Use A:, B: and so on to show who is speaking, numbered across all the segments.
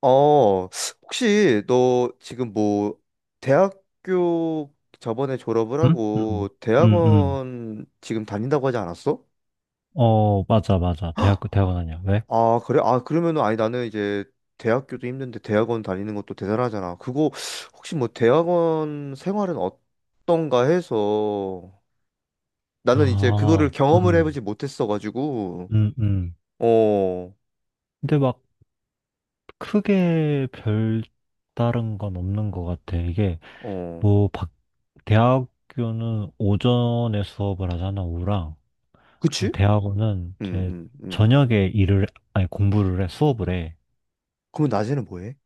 A: 어, 혹시 너 지금 뭐 대학교 저번에 졸업을
B: 응? 응,
A: 하고
B: 응, 응.
A: 대학원 지금 다닌다고 하지 않았어?
B: 어, 맞아, 맞아. 대학교, 대학원 아니야. 왜?
A: 아, 그래? 아, 그러면은 아니 나는 이제 대학교도 힘든데 대학원 다니는 것도 대단하잖아. 그거 혹시 뭐 대학원 생활은 어떤가 해서 나는 이제 그거를
B: 아,
A: 경험을 해보지 못했어가지고.
B: 음, 음.
A: 어,
B: 근데 막 크게 별다른 건 없는 것 같아. 이게
A: 어,
B: 뭐, 대학교는 오전에 수업을 하잖아, 오후랑.
A: 그치?
B: 대학원은
A: 음,
B: 이제
A: 음, 음.
B: 저녁에 일을, 아니, 공부를 해, 수업을 해.
A: 그럼 낮에는 뭐 해?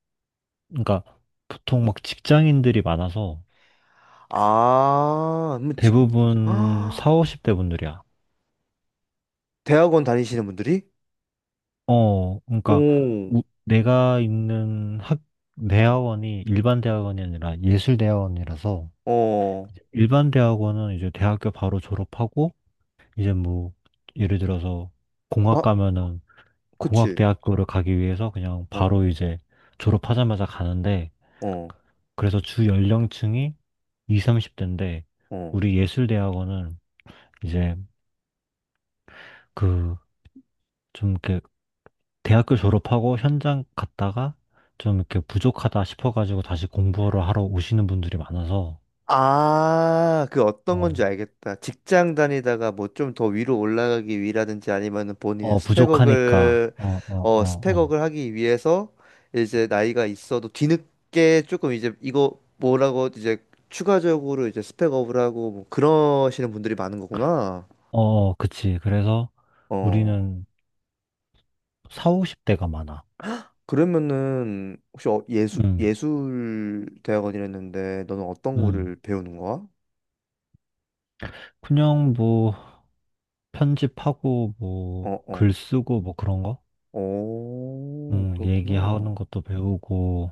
B: 그러니까 보통 막 직장인들이 많아서
A: 아,
B: 대부분 4, 50대 분들이야.
A: 대학원 다니시는 분들이?
B: 어, 그러니까
A: 오,
B: 내가 있는 학 대학원이 일반 대학원이 아니라 예술 대학원이라서
A: 어,
B: 일반 대학원은 이제 대학교 바로 졸업하고 이제 뭐 예를 들어서 공학
A: 아,
B: 가면은 공학
A: 그치.
B: 대학교를 가기 위해서 그냥
A: 어,
B: 바로 이제 졸업하자마자 가는데
A: 어,
B: 그래서 주 연령층이 20, 30대인데
A: 어.
B: 우리 예술 대학원은 이제 그 좀 이렇게 대학교 졸업하고 현장 갔다가 좀 이렇게 부족하다 싶어가지고 다시 공부를 하러 오시는 분들이 많아서,
A: 아, 그 어떤
B: 어,
A: 건지 알겠다. 직장 다니다가 뭐 좀 더 위로 올라가기 위라든지 아니면은 본인의
B: 어, 부족하니까, 어, 어, 어, 어,
A: 스펙업을 하기 위해서 이제 나이가 있어도 뒤늦게 조금 이제 이거 뭐라고 이제 추가적으로 이제 스펙업을 하고 뭐 그러시는 분들이 많은 거구나.
B: 어, 어, 그치. 그래서
A: 어.
B: 우리는 4, 50대가 많아.
A: 그러면은 혹시 예술
B: 응,
A: 예술 대학원이랬는데 너는 어떤
B: 응.
A: 거를 배우는 거야?
B: 그냥 뭐, 편집하고,
A: 어,
B: 뭐,
A: 어.
B: 글 쓰고, 뭐 그런 거?
A: 오,
B: 응, 얘기하는
A: 그렇구나.
B: 것도 배우고,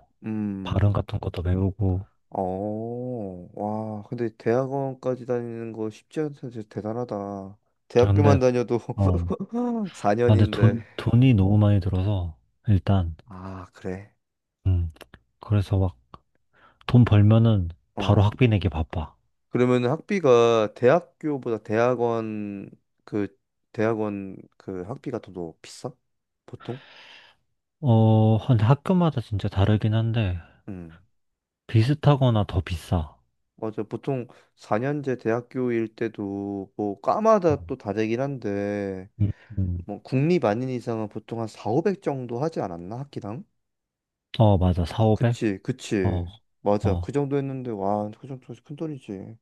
B: 발음
A: 음.
B: 같은 것도 배우고.
A: 어. 와, 근데 대학원까지 다니는 거 쉽지 않다. 진짜 대단하다. 대학교만
B: 근데,
A: 다녀도
B: 어, 근데
A: 4년인데.
B: 돈이 너무 많이 들어서, 일단,
A: 아, 그래.
B: 응. 그래서 막 돈 벌면은 바로
A: 어.
B: 학비 내기 바빠.
A: 그러면은 학비가 대학교보다 그 대학원 그 학비가 더 비싸? 보통?
B: 어, 근데 학교마다 진짜 다르긴 한데,
A: 음.
B: 비슷하거나 더 비싸.
A: 맞아. 보통 4년제 대학교일 때도 뭐
B: 음,
A: 과마다 또 다르긴 한데
B: 음, 음.
A: 뭐 국립 아닌 이상은 보통 한 4, 500 정도 하지 않았나? 학기당?
B: 어, 맞아. 4,
A: 그치,
B: 오0
A: 그치.
B: 0. 어,
A: 맞아.
B: 어.
A: 그 정도 했는데 와, 그 정도 큰돈이지.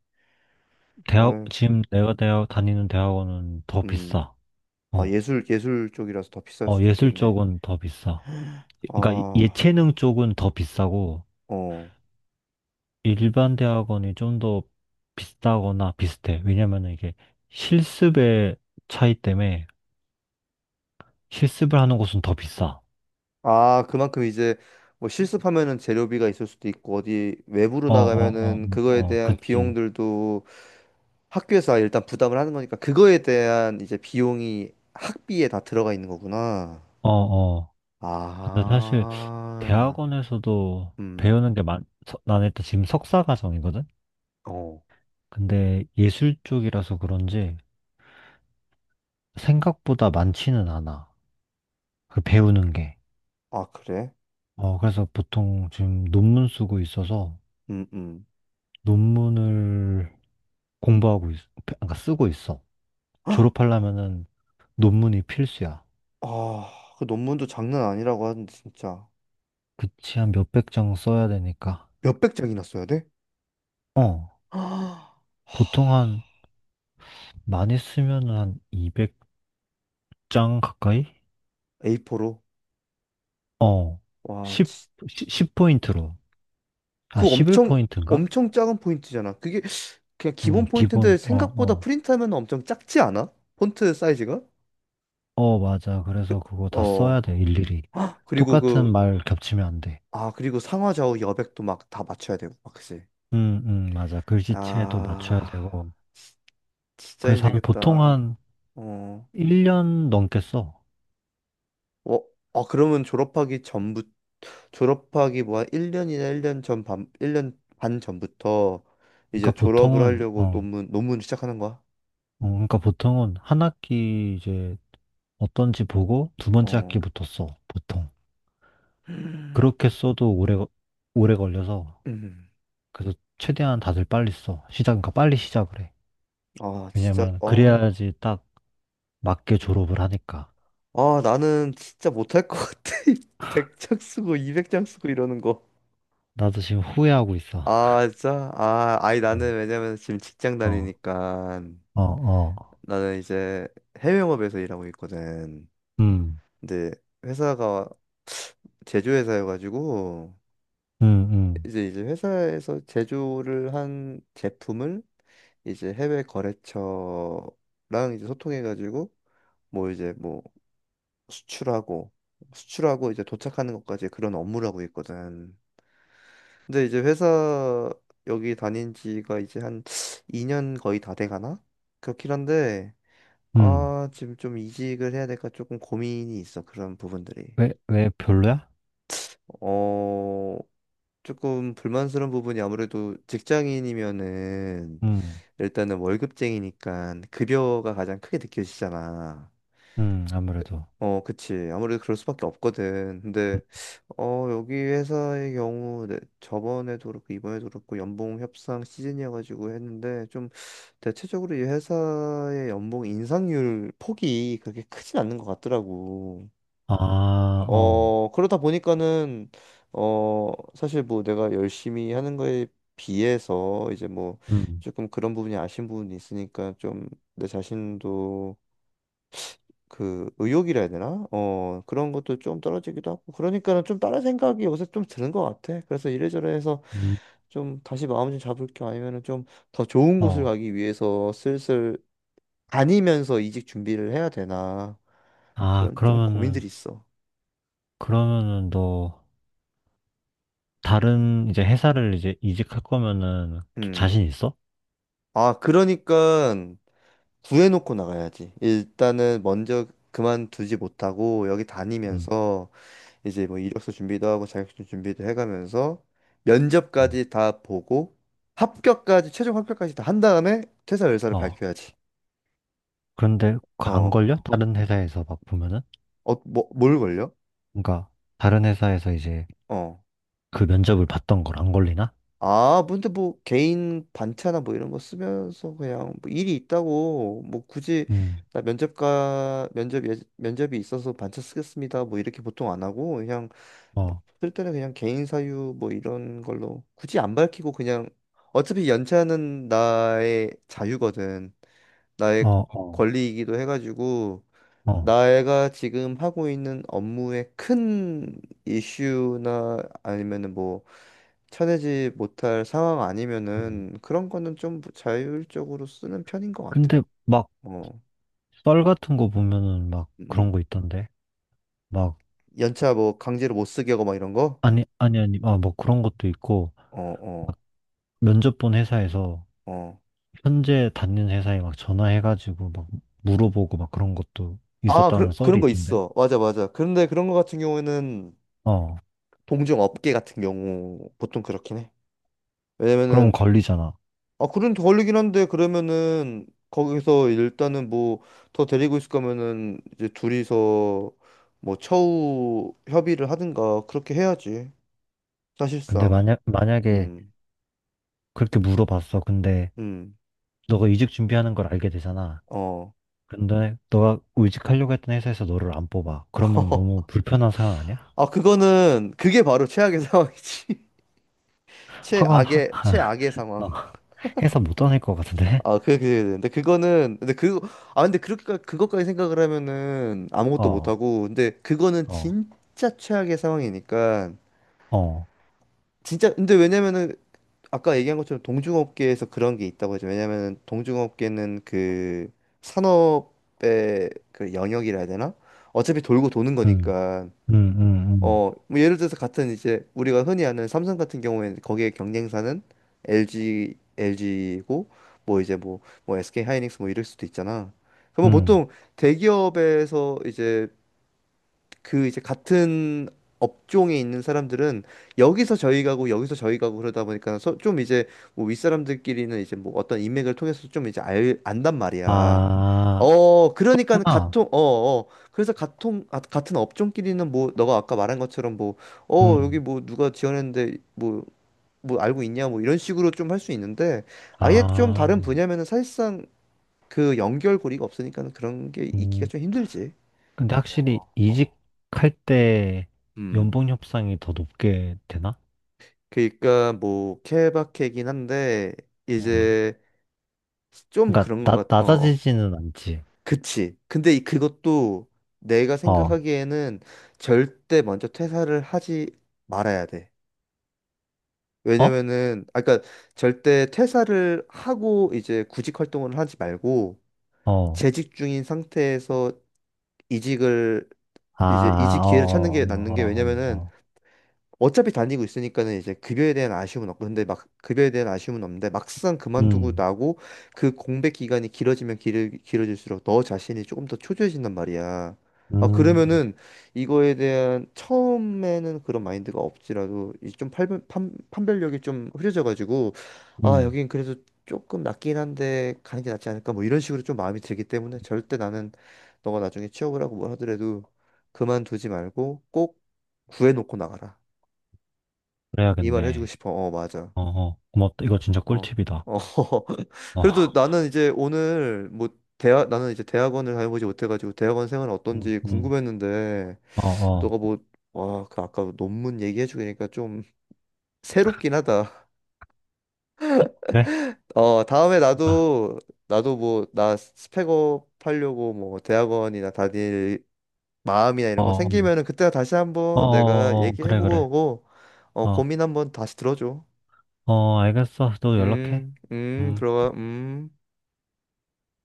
A: 아유,
B: 지금 내가 다니는 대학원은 더
A: 음.
B: 비싸.
A: 아,
B: 어,
A: 예술 쪽이라서 더 비쌀
B: 어,
A: 수도
B: 예술
A: 있겠네.
B: 쪽은 더 비싸. 그러니까
A: 아,
B: 예체능 쪽은 더 비싸고,
A: 어.
B: 일반 대학원이 좀 더 비싸거나 비슷해. 왜냐면 은 이게 실습의 차이 때문에 실습을 하는 곳은 더 비싸.
A: 아, 그만큼 이제 뭐 실습하면은 재료비가 있을 수도 있고 어디 외부로
B: 어, 어, 어,
A: 나가면은
B: 어,
A: 그거에
B: 어,
A: 대한
B: 그치.
A: 비용들도 학교에서 일단 부담을 하는 거니까 그거에 대한 이제 비용이 학비에 다 들어가 있는 거구나.
B: 어, 어. 근데 사실
A: 아,
B: 대학원에서도
A: 음,
B: 배우는 게 나는 일단 지금 석사 과정이거든?
A: 어,
B: 근데 예술 쪽이라서 그런지 생각보다 많지는 않아. 그 배우는 게.
A: 아, 그래?
B: 어, 그래서 보통 지금 논문 쓰고 있어서
A: 음, 음.
B: 논문을 공부하고 있, 그러니까 쓰고 있어.
A: 헉!
B: 졸업하려면은 논문이 필수야.
A: 아, 그 논문도 장난 아니라고 하는데 진짜
B: 그치, 한 몇백 장 써야 되니까.
A: 몇백 장이나 써야 돼?
B: 어,
A: 아,
B: 보통 많이 쓰면은 한200 장 가까이?
A: A4로?
B: 어.
A: 와,
B: 10, 10포인트로. 아,
A: 그 엄청
B: 11포인트인가?
A: 엄청 작은 포인트잖아. 그게 그냥 기본 포인트인데
B: 기본, 어,
A: 생각보다
B: 어.
A: 프린트하면 엄청 작지 않아? 폰트 사이즈가?
B: 어, 맞아. 그래서
A: 그,
B: 그거 다 써야
A: 어.
B: 돼, 일일이.
A: 헉! 그리고
B: 똑같은 말 겹치면 안 돼.
A: 그리고 상하좌우 여백도 막 다 맞춰야 되고, 막 그치?
B: 맞아. 글씨체도 맞춰야
A: 아,
B: 되고.
A: 지- 진짜
B: 그래서 보통
A: 힘들겠다.
B: 한
A: 어,
B: 1년 넘게 써.
A: 어, 아, 졸업하기 뭐 한 1년이나 1년 반 전부터
B: 그러니까
A: 이제 졸업을
B: 보통은,
A: 하려고
B: 어,
A: 논문 시작하는 거야?
B: 그러니까 보통은 한 학기 이제 어떤지 보고 두 번째
A: 어.
B: 학기부터 써, 보통. 그렇게 써도 오래 걸려서
A: 음.
B: 그래서 최대한 다들 빨리 써. 시작은 빨리 시작을 해.
A: 아, 진짜,
B: 왜냐면
A: 아,
B: 그래야지 딱 맞게 졸업을 하니까.
A: 아, 나는 진짜 못할 것 같아. 100장 쓰고 200장 쓰고 이러는 거.
B: 나도 지금 후회하고 있어.
A: 아, 진짜? 아, 아니,
B: 음.
A: 나는 왜냐면 지금 직장
B: 어,
A: 다니니까
B: 어, 어.
A: 나는 이제 해외 영업에서 일하고 있거든.
B: 음,
A: 근데 회사가 제조 회사여가지고
B: 음, 음,
A: 이제 회사에서 제조를 한 제품을 이제 해외 거래처랑 이제 소통해가지고 뭐 이제 뭐 수출하고 수출하고 이제 도착하는 것까지 그런 업무를 하고 있거든. 근데 이제 회사 여기 다닌 지가 이제 한 2년 거의 다 돼가나? 그렇긴 한데,
B: 음.
A: 아, 지금 좀 이직을 해야 될까 조금 고민이 있어, 그런 부분들이.
B: 왜 별로야?
A: 어, 조금 불만스러운 부분이 아무래도 직장인이면은
B: 음,
A: 일단은 월급쟁이니까 급여가 가장 크게 느껴지잖아.
B: 아무래도.
A: 어, 그치. 아무래도 그럴 수밖에 없거든.
B: 음.
A: 근데, 어, 여기 회사의 경우, 네, 저번에도 그렇고, 이번에도 그렇고, 연봉 협상 시즌이어가지고 했는데, 좀, 대체적으로 이 회사의 연봉 인상률 폭이 그렇게 크진 않는 것 같더라고.
B: 아, 어,
A: 어, 그러다 보니까는, 어, 사실 뭐 내가 열심히 하는 거에 비해서, 이제 뭐,
B: 음,
A: 조금 그런 부분이 아쉬운 부분이 있으니까, 좀, 내 자신도 그 의욕이라 해야 되나? 어, 그런 것도 좀 떨어지기도 하고 그러니까는 좀 다른 생각이 요새 좀 드는 것 같아. 그래서 이래저래 해서
B: 음,
A: 좀 다시 마음 좀 잡을 겸 아니면은 좀 더 좋은 곳을
B: 어.
A: 가기 위해서 슬슬 다니면서 이직 준비를 해야 되나
B: 아,
A: 그런 좀
B: 그러면은,
A: 고민들이 있어.
B: 그러면은 너 다른 이제 회사를 이제 이직할 거면은 좀
A: 음.
B: 자신 있어?
A: 아, 그러니까 구해놓고 나가야지. 일단은 먼저 그만두지 못하고 여기
B: 음,
A: 다니면서 이제 뭐 이력서 준비도 하고 자격증 준비도 해가면서
B: 음.
A: 면접까지 다 보고 합격까지 최종 합격까지 다 한 다음에 퇴사 의사를
B: 어,
A: 밝혀야지.
B: 그런데 안
A: 어,
B: 걸려? 다른 회사에서 막 보면은?
A: 어, 뭘 걸려?
B: 그러니까 다른 회사에서 이제
A: 어.
B: 그 면접을 봤던 걸 안 걸리나?
A: 아, 근데 뭐 개인 반차나 뭐 이런 거 쓰면서 그냥 뭐 일이 있다고 뭐 굳이
B: 음,
A: 나 면접이 있어서 반차 쓰겠습니다. 뭐 이렇게 보통 안 하고 그냥
B: 어,
A: 쓸 때는 그냥 개인 사유 뭐 이런 걸로 굳이 안 밝히고 그냥 어차피 연차는 나의 자유거든.
B: 어,
A: 나의
B: 어,
A: 권리이기도 해가지고
B: 어.
A: 내가 지금 하고 있는 업무의 큰 이슈나 아니면은 뭐 쳐내지 못할 상황
B: 음.
A: 아니면은 그런 거는 좀 자율적으로 쓰는 편인 것 같아.
B: 근데 막
A: 어,
B: 썰 같은 거 보면은 막
A: 음.
B: 그런 거 있던데. 막
A: 연차 뭐 강제로 못 쓰게 하고 막 이런 거?
B: 아니 아니 아니 아, 뭐 그런 것도 있고
A: 어, 어,
B: 면접 본 회사에서
A: 어.
B: 현재 다니는 회사에 막 전화해가지고 막 물어보고 막 그런 것도
A: 아,
B: 있었다는 썰이
A: 그런 거
B: 있던데.
A: 있어. 맞아, 맞아. 그런데 그런 거 같은 경우에는
B: 어,
A: 동종 업계 같은 경우 보통 그렇긴 해.
B: 그럼
A: 왜냐면은.
B: 걸리잖아.
A: 아, 그런 더 걸리긴 한데 그러면은 거기서 일단은 뭐 더 데리고 있을 거면은 이제 둘이서 뭐 처우 협의를 하든가 그렇게 해야지.
B: 근데
A: 사실상.
B: 만약에
A: 음.
B: 그렇게 물어봤어. 근데
A: 음.
B: 너가 이직 준비하는 걸 알게 되잖아.
A: 어.
B: 근데 너가 이직하려고 했던 회사에서 너를 안 뽑아. 그러면 너무 불편한 상황 아니야?
A: 아, 그거는 그게 바로 최악의 상황이지.
B: 학원, 학,
A: 최악의 상황.
B: 어, 회사 못 다닐 것 같은데?
A: 아, 근데 그거는, 근데 그, 아, 근데 그렇게, 그것까지 생각을 하면은 아무것도
B: 어,
A: 못하고, 근데 그거는
B: 어,
A: 진짜 최악의 상황이니까,
B: 어,
A: 진짜, 근데 왜냐면은, 아까 얘기한 것처럼 동중업계에서 그런 게 있다고 하죠. 왜냐면은 동중업계는 그 산업의 그 영역이라 해야 되나? 어차피 돌고 도는
B: 음,
A: 거니까.
B: 음, 음, 음,
A: 어, 뭐 예를 들어서 같은 이제 우리가 흔히 아는 삼성 같은 경우에는 거기에 경쟁사는 LG고 뭐 이제 뭐, SK 하이닉스 뭐 이럴 수도 있잖아. 그러면
B: 음.
A: 보통 대기업에서 이제 그 이제 같은 업종에 있는 사람들은 여기서 저희 가고 여기서 저희 가고 그러다 보니까 좀 이제 뭐 윗사람들끼리는 이제 뭐 어떤 인맥을 통해서 좀 이제 안단 말이야.
B: 아,
A: 어, 그러니까
B: 아,
A: 같은 어, 어. 그래서 같은 아, 같은 업종끼리는 뭐 너가 아까 말한 것처럼 뭐 어, 여기
B: 음,
A: 뭐 누가 지원했는데 뭐 뭐 알고 있냐 뭐 이런 식으로 좀 할 수 있는데 아예 좀
B: 아,
A: 다른 분야면은 사실상 그 연결고리가 없으니까는 그런 게 있기가
B: 음.
A: 좀 힘들지.
B: 근데 확실히
A: 어, 어, 어.
B: 이직할 때
A: 음.
B: 연봉 협상이 더 높게 되나?
A: 그러니까 뭐 케바케긴 한데
B: 음.
A: 이제 좀
B: 그러니까
A: 그런 것 같. 어, 어.
B: 낮아지지는 않지.
A: 그치. 근데 이- 그것도 내가
B: 어,
A: 생각하기에는 절대 먼저 퇴사를 하지 말아야 돼.
B: 어?
A: 왜냐면은 아까 절대 퇴사를 하고 이제 구직 활동을 하지 말고
B: 어.
A: 재직 중인 상태에서 이직을
B: 아,
A: 이제
B: 아,
A: 이직 기회를 찾는
B: 어, 어,
A: 게 낫는 게.
B: 어, 어,
A: 왜냐면은
B: 어.
A: 어차피 다니고 있으니까는 이제 급여에 대한 아쉬움은 없고 근데 막 급여에 대한 아쉬움은 없는데 막상 그만두고
B: 음,
A: 나고 그 공백 기간이 길어지면 길어질수록 너 자신이 조금 더 초조해진단 말이야. 아
B: 음,
A: 그러면은 이거에 대한 처음에는 그런 마인드가 없지라도 이 좀 판별력이 좀 흐려져가지고 아
B: 음,
A: 여긴 그래도 조금 낫긴 한데 가는 게 낫지 않을까 뭐 이런 식으로 좀 마음이 들기 때문에 절대 나는 너가 나중에 취업을 하고 뭘 하더라도 그만두지 말고 꼭 구해놓고 나가라. 이 말을 해주고
B: 그래야겠네.
A: 싶어. 어, 맞아.
B: 어, 어, 고맙다. 이거 진짜
A: 어,
B: 꿀팁이다.
A: 어.
B: 어,
A: 그래도 나는 이제 오늘 뭐 대학 나는 이제 대학원을 다녀보지 못해가지고 대학원 생활
B: 음,
A: 어떤지
B: 음,
A: 궁금했는데
B: 어, 어,
A: 너가 뭐 와, 그 아까 논문 얘기해주니까 좀 새롭긴 하다.
B: 그래?
A: 어, 다음에
B: 아,
A: 나도 나도 뭐 나 스펙업 하려고 뭐 대학원이나 다닐 마음이나 이런 거
B: 어, 어,
A: 생기면은 그때 다시
B: 어,
A: 한번 내가
B: 어, 어. 그래, 그래.
A: 얘기해보고 어,
B: 어,
A: 고민 한번 다시 들어줘.
B: 어, 알겠어. 또 연락해. 음.
A: 들어가.